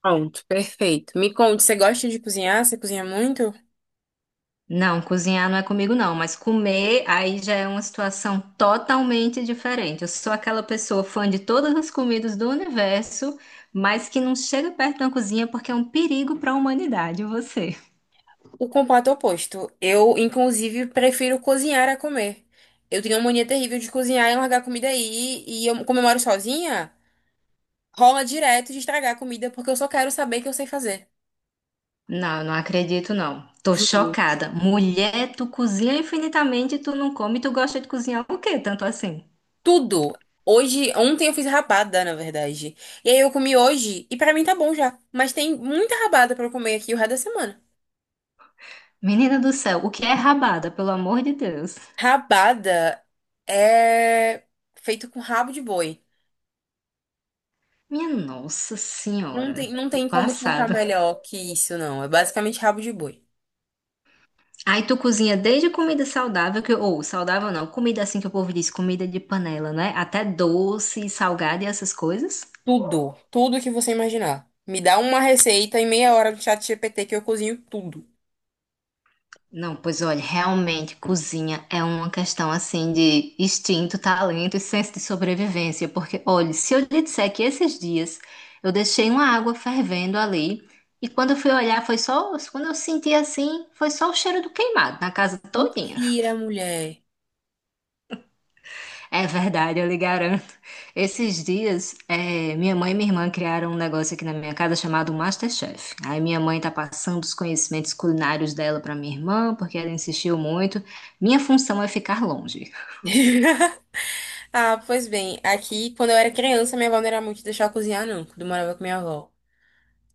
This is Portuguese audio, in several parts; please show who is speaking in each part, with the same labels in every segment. Speaker 1: Pronto, perfeito. Me conte, você gosta de cozinhar? Você cozinha muito?
Speaker 2: Não, cozinhar não é comigo não, mas comer aí já é uma situação totalmente diferente. Eu sou aquela pessoa fã de todas as comidas do universo, mas que não chega perto da cozinha porque é um perigo para a humanidade, e você.
Speaker 1: O completo oposto. Eu, inclusive, prefiro cozinhar a comer. Eu tenho uma mania terrível de cozinhar e largar a comida aí. E eu, como eu moro sozinha, rola direto de estragar a comida porque eu só quero saber que eu sei fazer.
Speaker 2: Não, eu não acredito não. Tô
Speaker 1: Juro.
Speaker 2: chocada. Mulher, tu cozinha infinitamente, tu não come, tu gosta de cozinhar o quê? Tanto assim.
Speaker 1: Tudo. Hoje, ontem eu fiz rabada, na verdade. E aí eu comi hoje e pra mim tá bom já. Mas tem muita rabada pra eu comer aqui o resto da semana.
Speaker 2: Menina do céu, o que é rabada, pelo amor de Deus?
Speaker 1: Rabada é feito com rabo de boi.
Speaker 2: Minha nossa
Speaker 1: Não tem,
Speaker 2: senhora,
Speaker 1: não
Speaker 2: tô
Speaker 1: tem como explicar
Speaker 2: passada.
Speaker 1: melhor que isso, não. É basicamente rabo de boi.
Speaker 2: Aí tu cozinha desde comida saudável, que, ou saudável não, comida assim que o povo diz, comida de panela, né? Até doce, salgado e essas coisas.
Speaker 1: Tudo, tudo que você imaginar. Me dá uma receita em meia hora do chat GPT que eu cozinho tudo.
Speaker 2: Não, pois olha, realmente cozinha é uma questão assim de instinto, talento e senso de sobrevivência. Porque, olha, se eu lhe disser que esses dias eu deixei uma água fervendo ali, e quando eu fui olhar, foi só, quando eu senti assim, foi só o cheiro do queimado na casa todinha.
Speaker 1: Mentira, mulher.
Speaker 2: É verdade, eu lhe garanto. Esses dias, minha mãe e minha irmã criaram um negócio aqui na minha casa chamado MasterChef. Aí minha mãe tá passando os conhecimentos culinários dela pra minha irmã, porque ela insistiu muito. Minha função é ficar longe.
Speaker 1: Ah, pois bem, aqui quando eu era criança, minha avó não era muito de deixar eu cozinhar, não, quando eu morava com minha avó.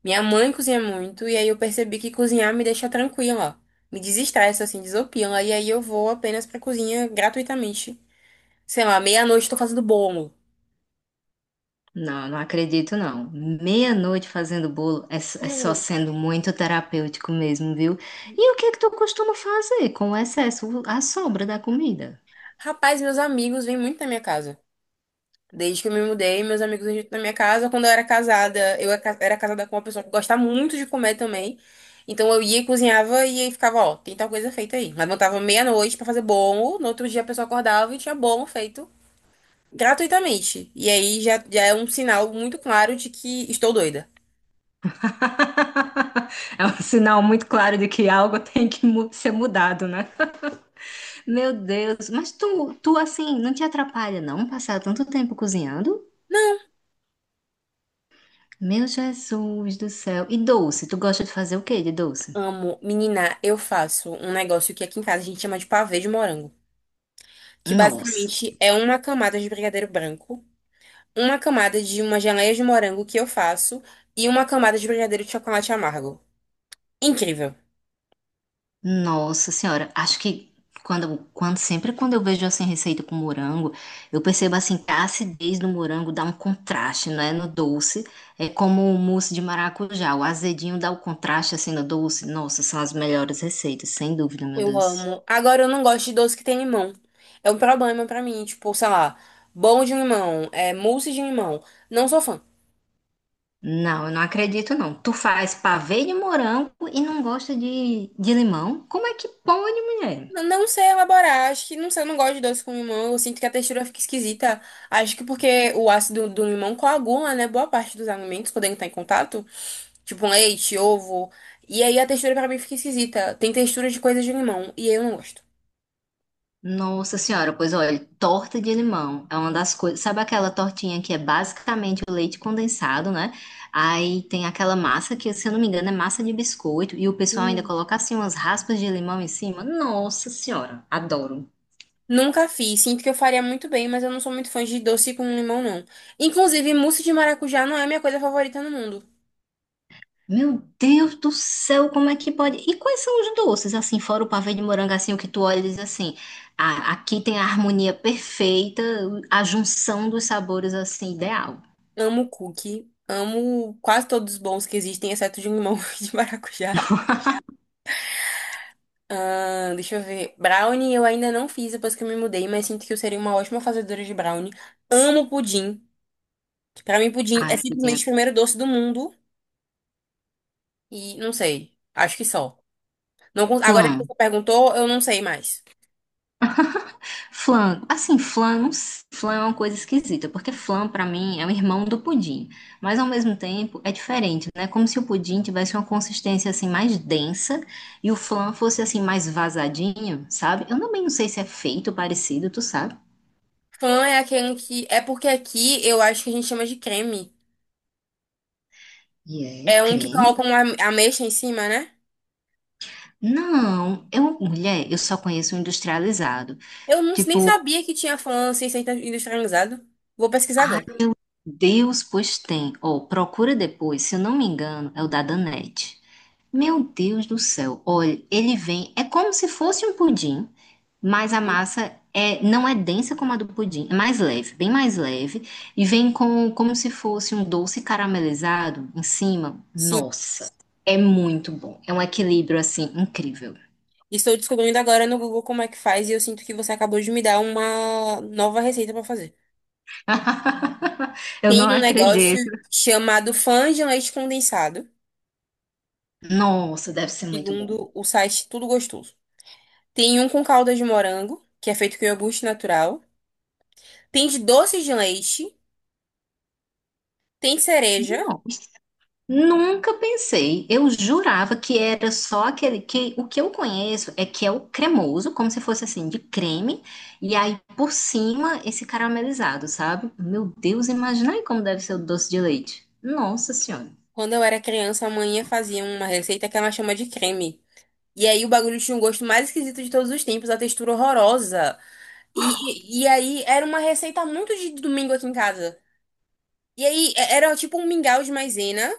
Speaker 1: Minha mãe cozinha muito, e aí eu percebi que cozinhar me deixa tranquila, me desestressa, assim, desopila, e aí eu vou apenas pra cozinha gratuitamente. Sei lá, meia-noite tô fazendo bolo.
Speaker 2: Não, não acredito não. Meia-noite fazendo bolo é, é só
Speaker 1: Juro.
Speaker 2: sendo muito terapêutico mesmo, viu? E o que é que tu costuma fazer com o excesso, a sobra da comida?
Speaker 1: Rapaz, meus amigos vêm muito na minha casa. Desde que eu me mudei, meus amigos vêm muito na minha casa. Quando eu era casada, eu era casada com uma pessoa que gosta muito de comer também. Então eu ia e cozinhava e aí ficava, ó, tem tal coisa feita aí. Mas montava meia-noite pra fazer bolo. No outro dia a pessoa acordava e tinha bolo feito gratuitamente. E aí já é um sinal muito claro de que estou doida.
Speaker 2: É um sinal muito claro de que algo tem que ser mudado, né? Meu Deus, mas tu assim, não te atrapalha não passar tanto tempo cozinhando? Meu Jesus do céu. E doce, tu gosta de fazer o quê de doce?
Speaker 1: Amo, menina, eu faço um negócio que aqui em casa a gente chama de pavê de morango, que
Speaker 2: Nossa,
Speaker 1: basicamente é uma camada de brigadeiro branco, uma camada de uma geleia de morango que eu faço e uma camada de brigadeiro de chocolate amargo. Incrível.
Speaker 2: nossa senhora, acho que quando sempre quando eu vejo assim receita com morango, eu percebo assim que a acidez do morango dá um contraste, não é, no doce. É como o mousse de maracujá, o azedinho dá o contraste assim no doce. Nossa, são as melhores receitas, sem dúvida, meu
Speaker 1: Eu
Speaker 2: Deus.
Speaker 1: amo. Agora eu não gosto de doce que tem limão. É um problema pra mim, tipo, sei lá, bolo de limão, é mousse de limão. Não sou fã.
Speaker 2: Não, eu não acredito não. Tu faz pavê de morango e não gosta de limão? Como é que pode, mulher?
Speaker 1: Não sei elaborar, acho que não sei, eu não gosto de doce com limão, eu sinto que a textura fica esquisita. Acho que porque o ácido do limão coagula, né, boa parte dos alimentos quando ele tá em contato, tipo leite, ovo, e aí a textura pra mim fica esquisita. Tem textura de coisa de limão e eu não gosto.
Speaker 2: Nossa senhora, pois olha, torta de limão é uma das coisas. Sabe aquela tortinha que é basicamente o leite condensado, né? Aí tem aquela massa que, se eu não me engano, é massa de biscoito e o pessoal ainda coloca assim umas raspas de limão em cima. Nossa senhora, adoro.
Speaker 1: Nunca fiz. Sinto que eu faria muito bem, mas eu não sou muito fã de doce com limão, não. Inclusive, mousse de maracujá não é a minha coisa favorita no mundo.
Speaker 2: Meu Deus do céu, como é que pode? E quais são os doces, assim, fora o pavê de morango, assim, o que tu olha e diz assim, ah, aqui tem a harmonia perfeita, a junção dos sabores, assim, ideal.
Speaker 1: Amo cookie. Amo quase todos os bons que existem, exceto de limão e de maracujá. Ah, deixa eu ver. Brownie eu ainda não fiz depois que eu me mudei, mas sinto que eu seria uma ótima fazedora de brownie. Amo pudim. Pra mim, pudim
Speaker 2: Ah,
Speaker 1: é
Speaker 2: aqui tem
Speaker 1: simplesmente o primeiro doce do mundo. E não sei. Acho que só. Não, con- Agora que
Speaker 2: flan.
Speaker 1: você perguntou, eu não sei mais.
Speaker 2: Flan, assim, flan, não sei, flan é uma coisa esquisita, porque flan, pra mim, é o irmão do pudim. Mas, ao mesmo tempo, é diferente, né? Como se o pudim tivesse uma consistência, assim, mais densa e o flan fosse, assim, mais vazadinho, sabe? Eu também não sei se é feito parecido, tu sabe?
Speaker 1: Flan é aquele que. É porque aqui eu acho que a gente chama de creme.
Speaker 2: E é
Speaker 1: É um que
Speaker 2: creme?
Speaker 1: coloca uma ameixa em cima, né?
Speaker 2: Não, eu, mulher, eu só conheço o industrializado.
Speaker 1: Eu não, nem
Speaker 2: Tipo,
Speaker 1: sabia que tinha flan sem ser industrializado. Vou pesquisar
Speaker 2: ai,
Speaker 1: agora.
Speaker 2: Deus, pois tem. Ó, procura depois, se eu não me engano, é o da Danette. Meu Deus do céu. Olha, ele vem, é como se fosse um pudim, mas a
Speaker 1: Hum.
Speaker 2: massa é, não é densa como a do pudim, é mais leve, bem mais leve, e vem com, como se fosse um doce caramelizado em cima.
Speaker 1: Sim,
Speaker 2: Nossa, é muito bom. É um equilíbrio assim incrível.
Speaker 1: estou descobrindo agora no Google como é que faz e eu sinto que você acabou de me dar uma nova receita para fazer.
Speaker 2: Eu não
Speaker 1: Tem um negócio
Speaker 2: acredito.
Speaker 1: chamado flan de leite condensado,
Speaker 2: Nossa, deve ser muito bom.
Speaker 1: segundo o site Tudo Gostoso. Tem um com calda de morango, que é feito com iogurte natural. Tem de doce de leite, tem cereja.
Speaker 2: Nossa, nunca pensei. Eu jurava que era só aquele que o que eu conheço é que é o cremoso, como se fosse assim de creme, e aí por cima esse caramelizado, sabe? Meu Deus, imagina aí como deve ser o doce de leite. Nossa Senhora.
Speaker 1: Quando eu era criança, a manhã fazia uma receita que ela chama de creme. E aí o bagulho tinha um gosto mais esquisito de todos os tempos, a textura horrorosa. E, e aí era uma receita muito de domingo aqui em casa. E aí era tipo um mingau de maisena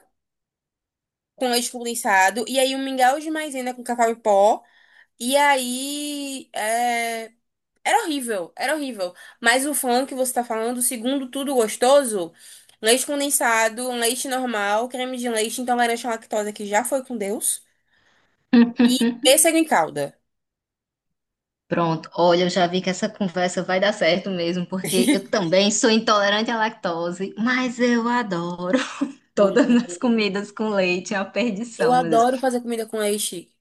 Speaker 1: com leite condensado. E aí um mingau de maisena com cacau em pó. E aí era horrível, era horrível. Mas o flan que você tá falando, segundo tudo gostoso, leite condensado, um leite normal, creme de leite, intolerância à lactose que já foi com Deus. E pêssego em calda.
Speaker 2: Pronto, olha, eu já vi que essa conversa vai dar certo mesmo, porque eu também sou intolerante à lactose, mas eu adoro. Todas
Speaker 1: Mulher,
Speaker 2: as comidas com leite é uma
Speaker 1: eu
Speaker 2: perdição, meu Deus.
Speaker 1: adoro fazer comida com leite.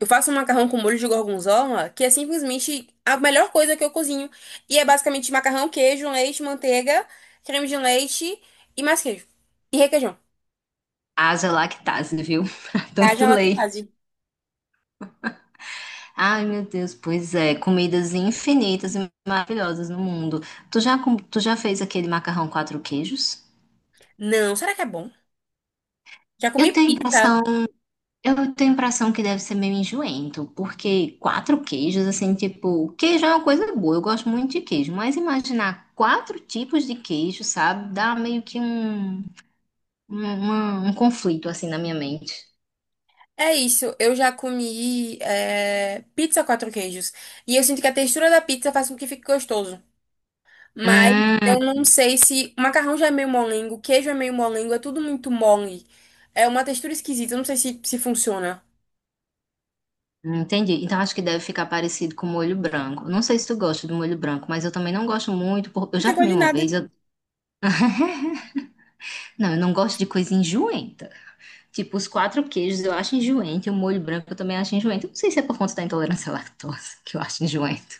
Speaker 1: Eu faço um macarrão com molho de gorgonzola, que é simplesmente a melhor coisa que eu cozinho. E é basicamente macarrão, queijo, leite, manteiga, creme de leite e mais queijo. E requeijão.
Speaker 2: Haja lactase, viu?
Speaker 1: Haja
Speaker 2: Tanto leite.
Speaker 1: lactase.
Speaker 2: Ai, meu Deus, pois é. Comidas infinitas e maravilhosas no mundo. Tu já, tu já fez aquele macarrão quatro queijos?
Speaker 1: Não, será que é bom? Já comi
Speaker 2: Eu tenho a
Speaker 1: pizza.
Speaker 2: impressão, eu tenho a impressão que deve ser meio enjoento, porque quatro queijos, assim, tipo, queijo é uma coisa boa, eu gosto muito de queijo, mas imaginar quatro tipos de queijo, sabe? Dá meio que um conflito, assim, na minha mente.
Speaker 1: É isso, eu já comi é, pizza quatro queijos. E eu sinto que a textura da pizza faz com que fique gostoso. Mas
Speaker 2: Hum.
Speaker 1: eu não sei se. O macarrão já é meio molengo, o queijo é meio molengo, é tudo muito mole. É uma textura esquisita, eu não sei se funciona.
Speaker 2: Entendi. Então acho que deve ficar parecido com molho branco. Não sei se tu gosta do molho branco, mas eu também não gosto muito. Eu
Speaker 1: Não
Speaker 2: já
Speaker 1: tem gosto
Speaker 2: comi
Speaker 1: de
Speaker 2: uma
Speaker 1: nada.
Speaker 2: vez. Não, eu não gosto de coisa enjoenta. Tipo, os quatro queijos eu acho enjoento e o molho branco eu também acho enjoento. Eu não sei se é por conta da intolerância à lactose que eu acho enjoento.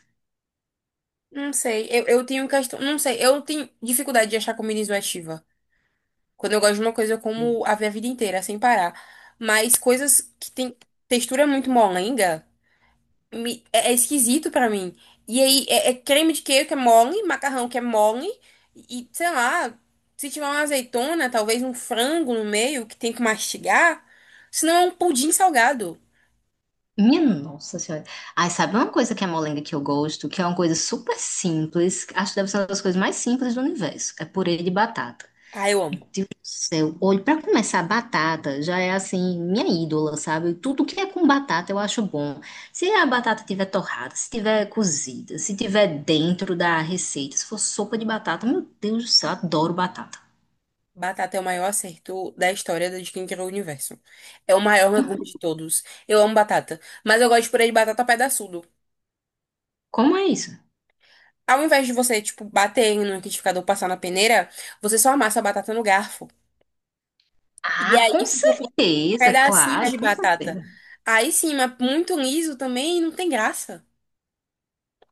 Speaker 1: Não sei, eu tenho questão. Não sei, eu tenho dificuldade de achar comida enjoativa. Quando eu gosto de uma coisa, eu como a minha vida inteira, sem parar. Mas coisas que tem textura muito molenga. É esquisito pra mim. E aí, é creme de queijo que é mole, macarrão que é mole, e sei lá, se tiver uma azeitona, talvez um frango no meio que tem que mastigar, senão é um pudim salgado.
Speaker 2: Minha nossa senhora. Ai, sabe uma coisa que é molenga que eu gosto, que é uma coisa super simples. Acho que deve ser uma das coisas mais simples do universo. É purê de batata.
Speaker 1: Ah, eu amo.
Speaker 2: Seu olho, para começar, batata já é assim, minha ídola, sabe? Tudo que é com batata eu acho bom. Se a batata tiver torrada, se tiver cozida, se tiver dentro da receita, se for sopa de batata, meu Deus do céu, adoro batata.
Speaker 1: Batata é o maior acerto da história da de quem criou o universo. É o maior legume de todos. Eu amo batata, mas eu gosto de purê de batata pedaçudo.
Speaker 2: Como é isso?
Speaker 1: Ao invés de você, tipo, bater no liquidificador, passar na peneira, você só amassa a batata no garfo. E
Speaker 2: Ah,
Speaker 1: aí
Speaker 2: com
Speaker 1: fica com
Speaker 2: certeza,
Speaker 1: pedacinhos
Speaker 2: claro,
Speaker 1: de
Speaker 2: com
Speaker 1: batata.
Speaker 2: certeza.
Speaker 1: Aí sim, mas muito liso também não tem graça.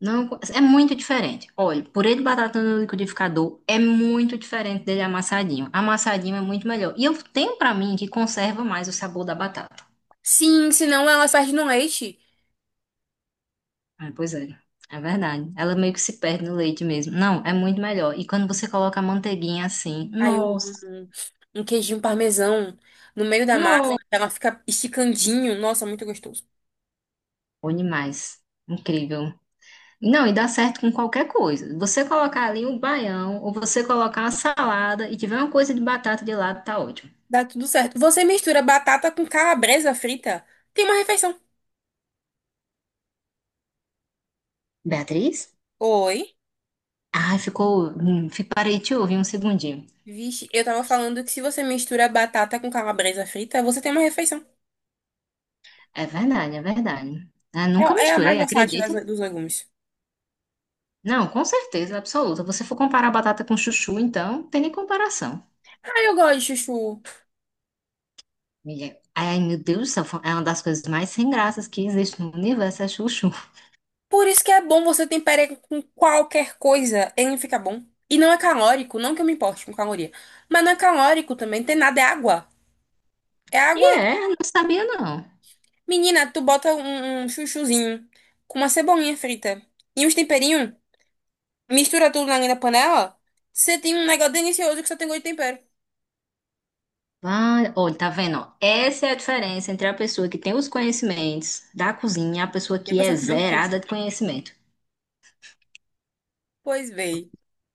Speaker 2: Não, é muito diferente. Olha, purê de batata no liquidificador é muito diferente dele amassadinho. Amassadinho é muito melhor. E eu tenho pra mim que conserva mais o sabor da batata.
Speaker 1: Sim, senão elas perdem no leite.
Speaker 2: Ah, pois é, é verdade. Ela meio que se perde no leite mesmo. Não, é muito melhor. E quando você coloca a manteiguinha assim,
Speaker 1: Aí eu
Speaker 2: nossa,
Speaker 1: amo um queijinho parmesão no meio da massa,
Speaker 2: nossa,
Speaker 1: ela fica esticandinho. Nossa, muito gostoso.
Speaker 2: bom demais. Incrível. Não, e dá certo com qualquer coisa. Você colocar ali o baião, ou você colocar uma salada e tiver uma coisa de batata de lado, tá ótimo.
Speaker 1: Dá tudo certo. Você mistura batata com calabresa frita, tem uma refeição.
Speaker 2: Beatriz?
Speaker 1: Oi?
Speaker 2: Ai, ficou. Parei de te ouvir um segundinho.
Speaker 1: Vixe, eu tava falando que se você mistura batata com calabresa frita, você tem uma refeição.
Speaker 2: É verdade, é verdade. Ah, nunca
Speaker 1: É, é a mais
Speaker 2: misturei,
Speaker 1: versátil
Speaker 2: acredita?
Speaker 1: dos legumes.
Speaker 2: Não, com certeza, absoluta. Você for comparar batata com chuchu, então, não tem nem comparação.
Speaker 1: Ah, eu gosto de chuchu.
Speaker 2: Amiga, ai, meu Deus do céu, é uma das coisas mais sem graças que existe no universo, é chuchu.
Speaker 1: Por isso que é bom você temperar com qualquer coisa, ele fica bom. E não é calórico, não que eu me importe com caloria. Mas não é calórico também, tem nada, é água. É
Speaker 2: E
Speaker 1: água.
Speaker 2: é, não sabia não.
Speaker 1: Menina, tu bota um chuchuzinho com uma cebolinha frita e uns temperinhos, mistura tudo na linha da panela, você tem um negócio delicioso que só tem gosto de tempero.
Speaker 2: Vai, olha, tá vendo, ó? Essa é a diferença entre a pessoa que tem os conhecimentos da cozinha e a pessoa
Speaker 1: E a
Speaker 2: que é
Speaker 1: pessoa que não tem.
Speaker 2: zerada de conhecimento.
Speaker 1: Pois bem.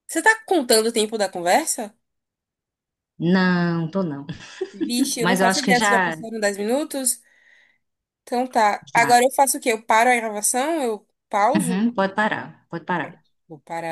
Speaker 1: Você tá contando o tempo da conversa?
Speaker 2: Não, tô não.
Speaker 1: Vixe, eu não
Speaker 2: Mas eu
Speaker 1: faço
Speaker 2: acho que
Speaker 1: ideia se já
Speaker 2: já,
Speaker 1: passaram 10 minutos. Então tá.
Speaker 2: já.
Speaker 1: Agora eu faço o quê? Eu paro a gravação? Eu pauso?
Speaker 2: Uhum, pode parar, pode parar.
Speaker 1: Vou parar.